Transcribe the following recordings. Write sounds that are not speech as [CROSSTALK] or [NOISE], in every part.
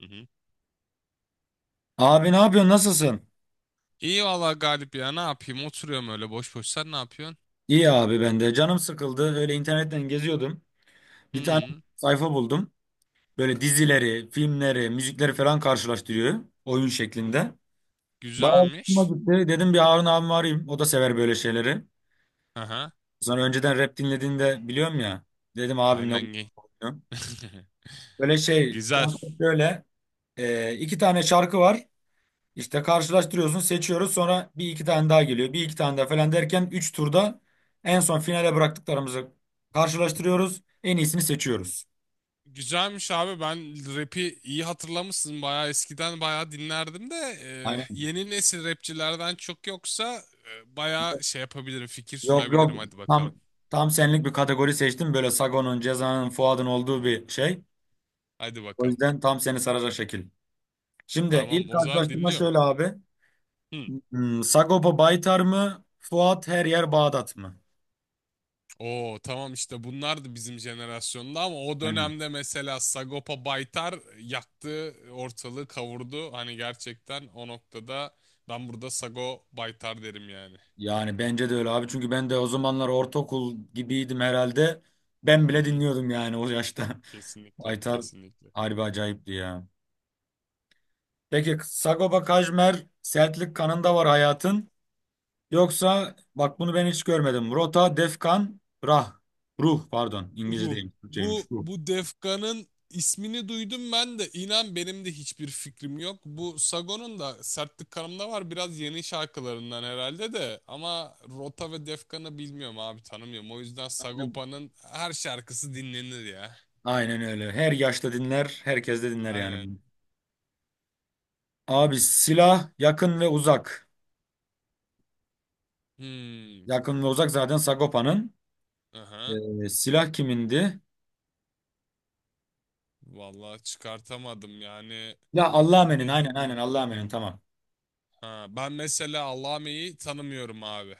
Hı hı. Abi ne yapıyorsun? Nasılsın? İyi valla Galip ya, ne yapayım, oturuyorum öyle boş boş, sen ne yapıyorsun? İyi abi ben de. Canım sıkıldı. Öyle internetten geziyordum. Hı Bir tane hı. sayfa buldum. Böyle dizileri, filmleri, müzikleri falan karşılaştırıyor. Oyun şeklinde. Bayağı hoşuma Güzelmiş. gitti. Dedim bir Harun abimi arayayım. O da sever böyle şeyleri. Aha. Sonra önceden rap dinlediğini de biliyorum ya. Dedim abimle Aynen gay. oynayalım. [LAUGHS] Böyle şey, Güzel. konsept böyle. İki tane şarkı var. İşte karşılaştırıyorsun, seçiyoruz. Sonra bir iki tane daha geliyor. Bir iki tane daha falan derken 3 turda en son finale bıraktıklarımızı karşılaştırıyoruz. En iyisini seçiyoruz. Güzelmiş abi. Ben rap'i iyi hatırlamışsın, bayağı eskiden bayağı dinlerdim de e, Aynen. yeni nesil rapçilerden çok yoksa bayağı şey yapabilirim, fikir Yok sunabilirim, yok. hadi Tam bakalım. tam senlik bir kategori seçtim. Böyle Sagon'un, Ceza'nın, Fuad'ın olduğu bir şey. Hadi O bakalım. yüzden tam seni saracak şekil. Şimdi Tamam, ilk o zaman karşılaştırma dinliyorum. şöyle abi. Hı. Sagopa Baytar mı? Fuat her yer Bağdat mı? Oo tamam, işte bunlardı bizim jenerasyonda. Ama o Aynen. dönemde mesela Sagopa Baytar yaktı ortalığı, kavurdu. Hani gerçekten o noktada ben burada Sago Baytar derim yani. Yani bence de öyle abi. Çünkü ben de o zamanlar ortaokul gibiydim herhalde. Ben Hı bile hı. dinliyordum yani o yaşta. [LAUGHS] Kesinlikle, Aytar kesinlikle. harbi acayipti ya. Peki Sagopa Kajmer Sertlik kanında var hayatın. Yoksa bak bunu ben hiç görmedim. Rota, Defkan, Rah. Ruh pardon. İngilizce Ruh. değil. Bu Türkçeymiş. Ruh. bu Defkan'ın ismini duydum ben de. İnan benim de hiçbir fikrim yok. Bu Sagon'un da Sertlik Kanım'da var. Biraz yeni şarkılarından herhalde de. Ama Rota ve Defkan'ı bilmiyorum abi, tanımıyorum. O yüzden Yani Sagopa'nın her şarkısı dinlenir ya. aynen öyle. Her yaşta dinler. Herkes de dinler yani. Aynen. Abi silah yakın ve uzak. Hmm. Yakın ve uzak zaten Sagopa'nın. Aha. Silah kimindi? Vallahi çıkartamadım yani. Ya Allah'a emanin aynen Dediğim gibi. aynen Allah'a emanin tamam. Ha, ben mesela Allame'yi tanımıyorum abi.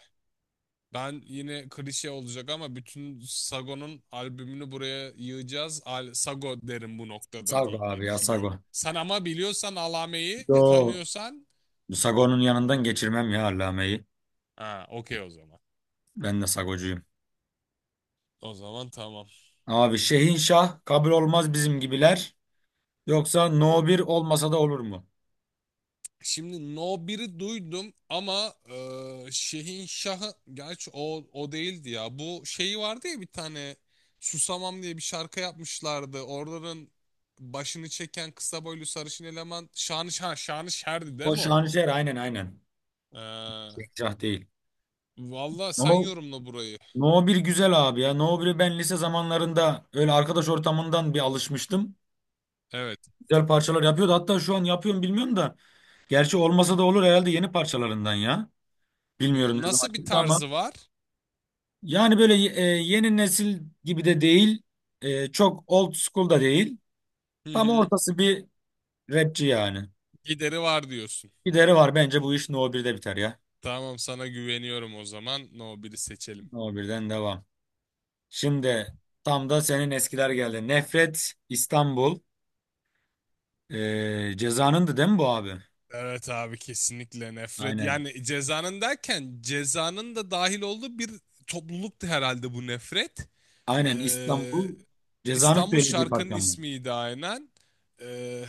Ben yine klişe olacak ama bütün Sago'nun albümünü buraya yığacağız. Al Sago derim bu noktada Sago diye abi ya Sago. düşünüyorum. Sen ama biliyorsan, alameyi Yo. tanıyorsan, Sago'nun yanından geçirmem ya Allame'yi. ha, okey o zaman. Ben de Sagocuyum. O zaman tamam. Abi Şehinşah kabul olmaz bizim gibiler. Yoksa No 1 olmasa da olur mu? Şimdi No 1'i duydum ama Şehin Şah'ı, gerçi o değildi ya. Bu şeyi vardı ya, bir tane Susamam diye bir şarkı yapmışlardı. Oraların başını çeken kısa boylu sarışın eleman Şanışer, Şanışer'di değil O mi o? Şanışer aynen aynen. Ee, Şehinşah değil. Valla sen No, yorumla burayı. No 1 güzel abi ya. No 1'i ben lise zamanlarında öyle arkadaş ortamından bir alışmıştım. Evet. Güzel parçalar yapıyordu. Hatta şu an yapıyorum bilmiyorum da. Gerçi olmasa da olur herhalde yeni parçalarından ya. Bilmiyorum Hmm, ne zaman nasıl bir çıktı ama. tarzı var? Yani böyle yeni nesil gibi de değil, çok old school da değil. Hı Tam hı. ortası bir rapçi yani. Gideri var diyorsun. Gideri var bence bu iş No birde biter ya. Tamam, sana güveniyorum o zaman. No biri seçelim. No birden devam. Şimdi tam da senin eskiler geldi. Nefret İstanbul. Ceza'nındı değil mi bu abi? Evet abi, kesinlikle nefret. Aynen. Yani cezanın, derken cezanın da dahil olduğu bir topluluktu herhalde bu nefret. Aynen Ee, İstanbul Ceza'nın İstanbul söylediği şarkının parça mı? ismiydi aynen. Ee,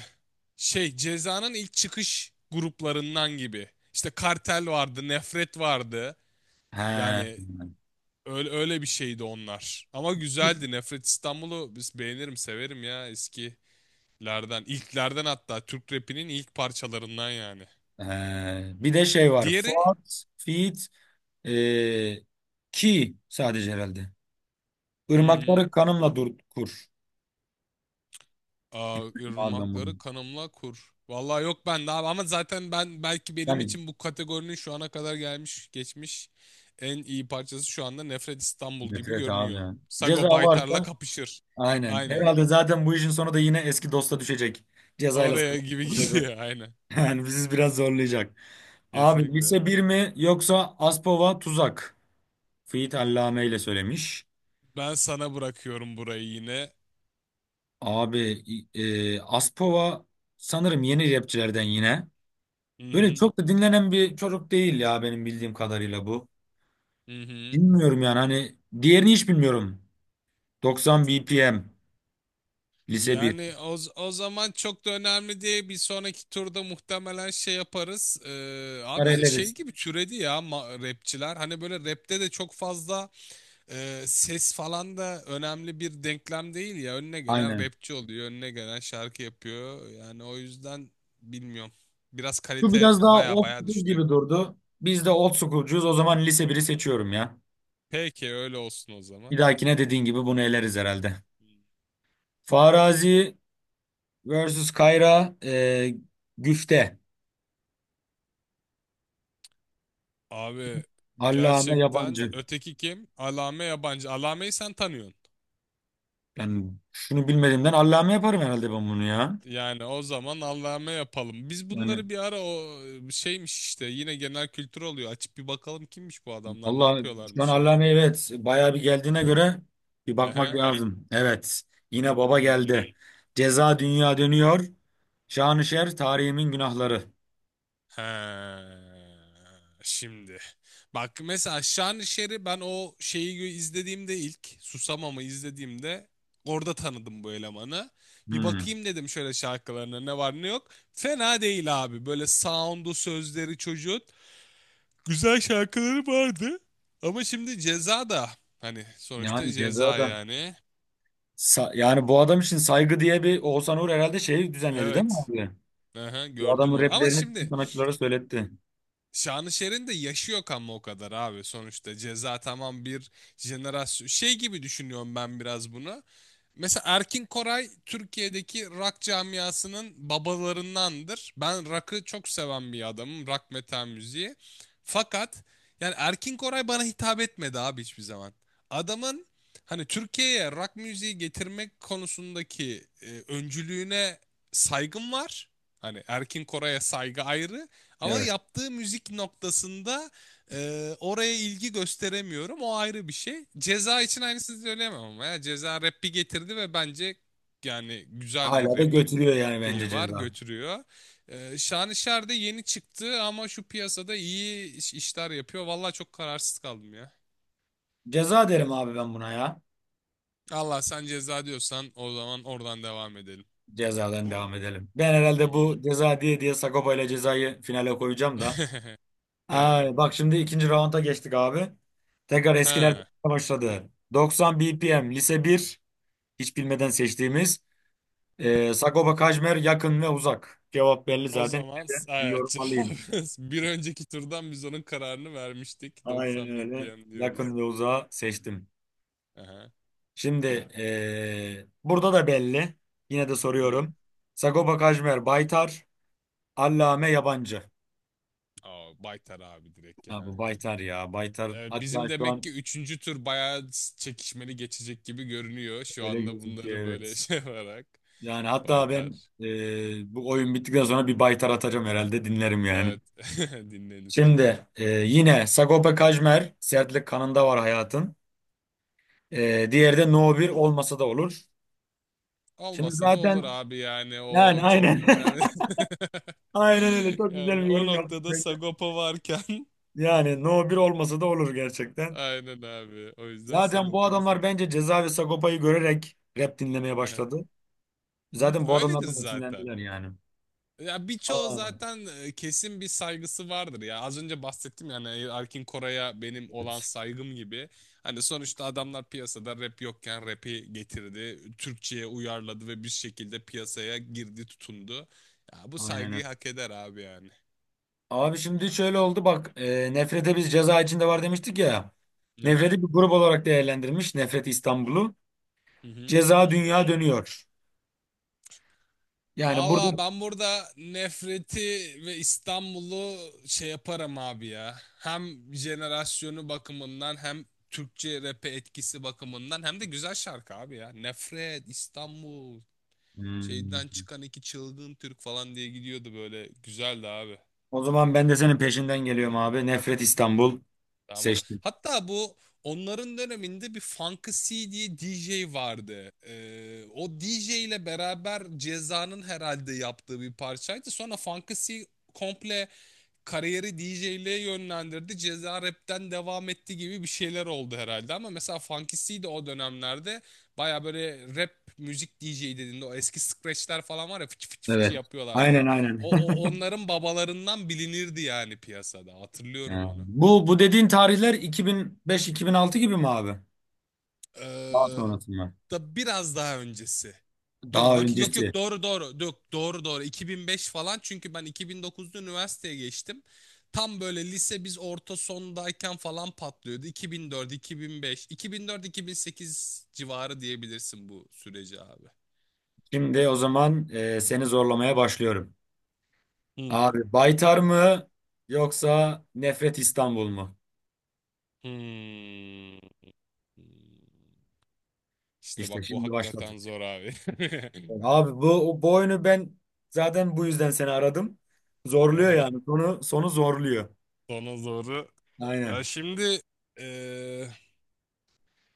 şey, cezanın ilk çıkış gruplarından gibi. İşte kartel vardı, nefret vardı. He. Yani öyle bir şeydi onlar. Ama Bir, güzeldi. Nefret İstanbul'u biz beğenirim, severim ya eskilerden. İlklerden, hatta Türk rapinin ilk parçalarından yani. he. Bir de şey var. Diğeri? Fuat, Fit, e, Ki sadece herhalde. Hmm. Irmakları kanımla dur kur. Aa, İstedim abi ben bunu. Irmakları Kanımla Kur. Vallahi yok, ben daha ama zaten, ben belki, benim Yani için bu kategorinin şu ana kadar gelmiş geçmiş en iyi parçası şu anda Nefret İstanbul gibi nefret abi görünüyor. yani. Ceza Sago Baytar'la varsa kapışır. aynen. Aynen. Herhalde zaten bu işin sonu da yine eski dosta düşecek. Cezayla Oraya gibi [LAUGHS] sarılacak. gidiyor [LAUGHS] aynen. Yani bizi biraz zorlayacak. Abi Kesinlikle. lise bir mi yoksa Aspova tuzak? Fiyit Allame ile söylemiş. Ben sana bırakıyorum burayı yine. Abi Aspova sanırım yeni rapçilerden yine. Hı Öyle hı. çok da dinlenen bir çocuk değil ya benim bildiğim kadarıyla bu. Hı hı. Bilmiyorum yani hani diğerini hiç bilmiyorum. 90 BPM. Lise bir. Yani o zaman çok da önemli değil. Bir sonraki turda muhtemelen şey yaparız. Abi şey Nereleriz? gibi türedi ya rapçiler. Hani böyle rapte de çok fazla ses falan da önemli bir denklem değil ya. Önüne gelen Aynen. rapçi oluyor, önüne gelen şarkı yapıyor. Yani o yüzden bilmiyorum. Biraz Şu kalite biraz daha baya old baya school düştü. gibi durdu. Biz de old school'cuyuz. O zaman lise biri seçiyorum ya. Peki öyle olsun o Bir zaman. dahakine dediğin gibi bunu eleriz herhalde. Farazi versus Kayra Güfte. Abi Allame gerçekten Yabancı. öteki kim? Alame Yabancı. Alame'yi sen tanıyorsun. Yani şunu bilmediğimden Allame yaparım herhalde ben bunu ya. Yani o zaman Allah'ıma yapalım. Biz Yani bunları bir ara, o şeymiş işte, yine genel kültür oluyor. Açıp bir bakalım kimmiş bu adamlar, ne Allah şu an yapıyorlarmış ya. Allame evet bayağı bir geldiğine göre bir bakmak Ehe. lazım. Evet, yine baba Hmm. geldi. Ceza dünya dönüyor. Şanışer tarihimin günahları. Ha. Şimdi. Bak mesela Şanışer'i ben o izlediğimde, ilk Susamam'ı izlediğimde orada tanıdım bu elemanı. Bir Hmm. bakayım dedim, şöyle şarkılarına ne var ne yok. Fena değil abi. Böyle sound'u, sözleri çocuğun güzel şarkıları vardı. Ama şimdi Ceza da, hani sonuçta Yani ceza Ceza da yani. Yani bu adam için saygı diye bir Oğuzhan Uğur herhalde şeyi düzenledi değil mi Evet. abi? Aha, Bu gördüm adamın onu. Ama raplerini bütün şimdi sanatçılara söyletti. Şanışer'in de yaşı yok ama o kadar abi sonuçta. Ceza tamam, bir jenerasyon. Şey gibi düşünüyorum ben biraz bunu. Mesela Erkin Koray Türkiye'deki rock camiasının babalarındandır. Ben rock'ı çok seven bir adamım. Rock, metal müziği. Fakat yani Erkin Koray bana hitap etmedi abi hiçbir zaman. Adamın, hani Türkiye'ye rock müziği getirmek konusundaki öncülüğüne saygım var. Hani Erkin Koray'a saygı ayrı, ama Evet. yaptığı müzik noktasında oraya ilgi gösteremiyorum. O ayrı bir şey. Ceza için aynısını söyleyemem ama ya. Ceza rap'i getirdi ve bence yani güzel bir Hala da rap götürüyor yani bence şeyi var, ceza. götürüyor. Şanışer de yeni çıktı ama şu piyasada iyi işler yapıyor. Vallahi çok kararsız kaldım ya. Ceza derim abi ben buna ya. Allah, sen ceza diyorsan o zaman oradan devam edelim. Cezadan devam edelim. Ben Hı herhalde hı. bu ceza diye diye Sagopa ile cezayı finale koyacağım da. [LAUGHS] Evet. Ay, bak şimdi ikinci raunda geçtik abi. Tekrar eskiler Ha. [LAUGHS] başladı. 90 BPM lise bir, hiç bilmeden seçtiğimiz Sagopa Kajmer yakın ve uzak. Cevap belli O zaten. zaman Bir evet, yorum cevap alayım. [LAUGHS] bir önceki turdan biz onun kararını vermiştik. Aynen 90 öyle. BPM diyoruz. Yakın ve uzağı seçtim. Aha. Şimdi burada da belli. Yine de Hı hı. soruyorum. Sagopa Kajmer Baytar, Allame Yabancı. Aa, Baytar abi, direkt Ha, yani. bu Baytar ya. Baytar hatta Bizim şu demek an ki üçüncü tur bayağı çekişmeli geçecek gibi görünüyor. Şu öyle anda gözüküyor. bunları böyle [LAUGHS] Evet. şey yaparak. Yani hatta Baytar. ben bu oyun bittikten sonra bir baytar atacağım herhalde dinlerim yani. Evet. [LAUGHS] Dinlenir. Şimdi yine Sagopa Kajmer sertlik kanında var hayatın. Diğeri de No 1 olmasa da olur. Şimdi Olmasa da zaten olur abi yani. yani O çok aynen. da [LAUGHS] önemli. [LAUGHS] Aynen öyle, çok güzel bir Yani o yorum yaptın noktada bence. Sagopa varken. [LAUGHS] Yani No 1 olmasa da olur gerçekten. Aynen abi. O yüzden Zaten bu Sagopa'yı adamlar seçelim. bence Ceza ve Sagopa'yı görerek rap dinlemeye Aha. başladı. Zaten bu Öyledir adamlardan zaten. esinlendiler yani. Ya birçoğu Aa, zaten kesin bir saygısı vardır ya. Az önce bahsettim yani, Erkin Koray'a benim olan evet. saygım gibi. Hani sonuçta adamlar piyasada rap yokken rap'i getirdi. Türkçe'ye uyarladı ve bir şekilde piyasaya girdi, tutundu. Ya bu Aynen öyle. saygıyı hak eder abi yani. Abi şimdi şöyle oldu bak, Nefret'e biz ceza içinde var demiştik ya. Ya. Nefret'i bir grup olarak değerlendirmiş Nefret İstanbul'u. Hı hı. Ceza dünya dönüyor. Yani burada, Valla ben burada nefreti ve İstanbul'u şey yaparım abi ya. Hem jenerasyonu bakımından, hem Türkçe rap'e etkisi bakımından, hem de güzel şarkı abi ya. Nefret, İstanbul, hmm, şeyden çıkan iki çılgın Türk falan diye gidiyordu böyle. Güzeldi abi. o zaman ben de senin peşinden geliyorum abi. Nefret İstanbul Tamam. seçtim. Hatta bu onların döneminde bir Funky C diye DJ vardı. O DJ ile beraber Ceza'nın herhalde yaptığı bir parçaydı. Sonra Funky C komple kariyeri DJ'liğe yönlendirdi. Ceza rapten devam etti gibi bir şeyler oldu herhalde. Ama mesela Funky C de o dönemlerde baya böyle rap müzik, DJ dediğinde o eski scratchler falan var ya, fıçı fıçı fıçı Evet. yapıyorlardı Aynen falan. aynen. [LAUGHS] Onların babalarından bilinirdi yani piyasada. Hatırlıyorum Ha, onu. bu dediğin tarihler 2005-2006 gibi mi abi? Daha Ee, sonrası mı? da biraz daha öncesi. Dur Daha bak, yok yok, öncesi. doğru doğru. Yok, doğru doğru. 2005 falan, çünkü ben 2009'da üniversiteye geçtim. Tam böyle lise, biz orta sondayken falan patlıyordu. 2004, 2005, 2004, 2008 civarı diyebilirsin bu süreci abi. Şimdi o zaman seni zorlamaya başlıyorum. Hmm. Abi Baytar mı yoksa Nefret İstanbul mu? Hmm. İşte İşte bak, bu şimdi hakikaten başladık. zor abi. [LAUGHS] Abi bu oyunu ben zaten bu yüzden seni aradım. Zorluyor Aha, yani. Sonu zorluyor. sana zoru. Ya Aynen. şimdi eee,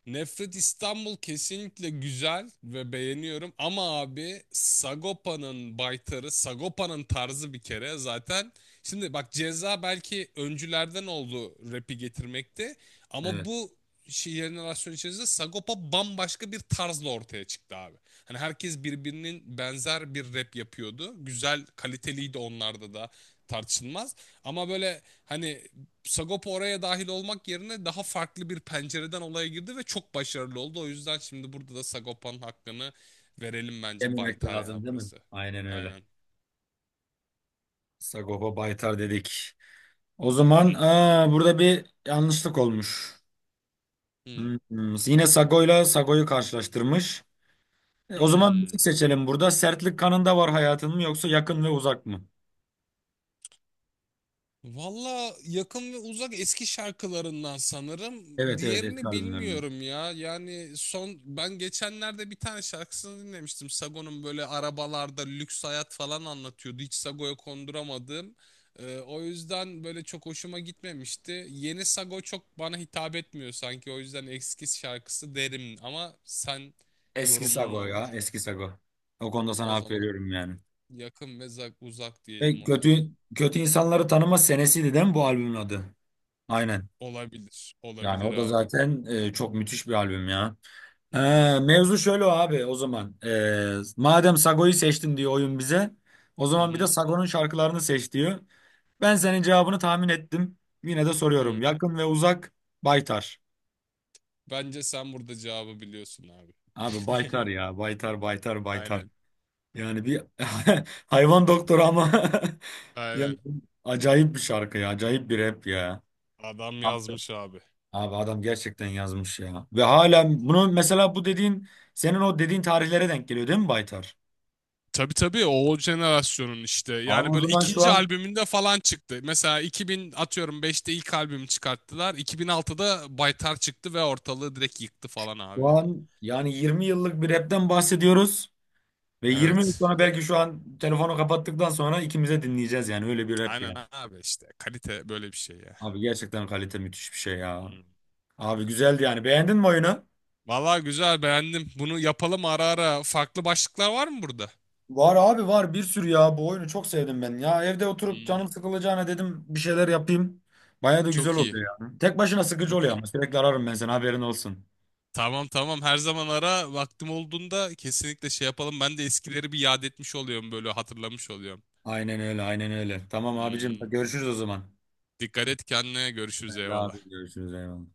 Nefret İstanbul kesinlikle güzel ve beğeniyorum ama abi, Sagopa'nın baytarı, Sagopa'nın tarzı bir kere zaten. Şimdi bak, Ceza belki öncülerden oldu rap'i getirmekte ama Evet. bu şey jenerasyon içerisinde Sagopa bambaşka bir tarzla ortaya çıktı abi. Hani herkes birbirinin benzer bir rap yapıyordu. Güzel, kaliteliydi, onlarda da tartışılmaz. Ama böyle hani Sagopa oraya dahil olmak yerine daha farklı bir pencereden olaya girdi ve çok başarılı oldu. O yüzden şimdi burada da Sagopa'nın hakkını verelim, bence Yememek Baytar ya lazım değil mi? burası. Aynen öyle. Aynen. Sagopa Baytar dedik. Hı O hı. zaman aa, burada bir yanlışlık olmuş. Hı. Hmm, yine Sago'yla Sago'yu karşılaştırmış. O zaman müzik Hı. seçelim burada. Sertlik kanında var hayatın mı yoksa yakın ve uzak mı? Valla yakın ve uzak eski şarkılarından sanırım. Evet evet eski Diğerini albümlerinden. bilmiyorum ya. Yani son, ben geçenlerde bir tane şarkısını dinlemiştim. Sago'nun, böyle arabalarda lüks hayat falan anlatıyordu. Hiç Sago'ya konduramadım. O yüzden böyle çok hoşuma gitmemişti. Yeni Sago çok bana hitap etmiyor sanki. O yüzden eski şarkısı derim. Ama sen, Eski yorumun ne Sago ya. olur? Eski Sago. O konuda sana O hak zaman veriyorum yani. yakın ve uzak diyelim o zaman. Kötü kötü insanları tanıma senesiydi değil mi bu albümün adı? Aynen. Olabilir. Yani Olabilir o da abi. zaten çok müthiş bir albüm ya. E, Hmm. mevzu şöyle abi o zaman. Madem Sago'yu seçtin diyor oyun bize. O Hı zaman bir de hı. Sago'nun şarkılarını seç diyor. Ben senin cevabını tahmin ettim. Yine de Hı. soruyorum. Yakın ve uzak Baytar. Bence sen burada cevabı biliyorsun abi. Abi Baytar [LAUGHS] ya. Baytar, Baytar, Baytar. Aynen. Yani bir [LAUGHS] hayvan doktoru ama [LAUGHS] Ya, Aynen. acayip bir şarkı ya. Acayip bir rap ya. Adam Anladım. yazmış abi. Abi adam gerçekten yazmış ya. Ve hala Hı hı. bunu mesela bu dediğin senin o dediğin tarihlere denk geliyor değil mi Baytar? Tabii tabii, o jenerasyonun işte. Abi Yani o böyle zaman şu ikinci an albümünde falan çıktı. Mesela 2000 atıyorum, beşte ilk albümü çıkarttılar. 2006'da Baytar çıktı ve ortalığı direkt yıktı falan abi şu yani. an yani 20 yıllık bir rapten bahsediyoruz. Ve 20 yıl Evet. sonra belki şu an telefonu kapattıktan sonra ikimize dinleyeceğiz yani öyle bir rap Aynen yani. abi işte. Kalite böyle bir şey ya. Abi gerçekten kalite müthiş bir şey ya. Hı. Abi güzeldi yani. Beğendin mi oyunu? Vallahi güzel, beğendim. Bunu yapalım ara ara. Farklı başlıklar var mı burada? Var abi var bir sürü ya, bu oyunu çok sevdim ben. Ya evde oturup Hı. canım sıkılacağına dedim bir şeyler yapayım. Baya da güzel Çok iyi. oluyor ya. Tek başına sıkıcı Çok oluyor iyi. ama sürekli ararım ben seni haberin olsun. Tamam tamam, her zaman ara vaktim olduğunda kesinlikle şey yapalım. Ben de eskileri bir yad etmiş oluyorum, böyle hatırlamış oluyorum. Aynen öyle aynen öyle. Tamam abicim Hmm, görüşürüz o zaman. dikkat et kendine, görüşürüz, Hadi eyvallah. abi görüşürüz eyvallah.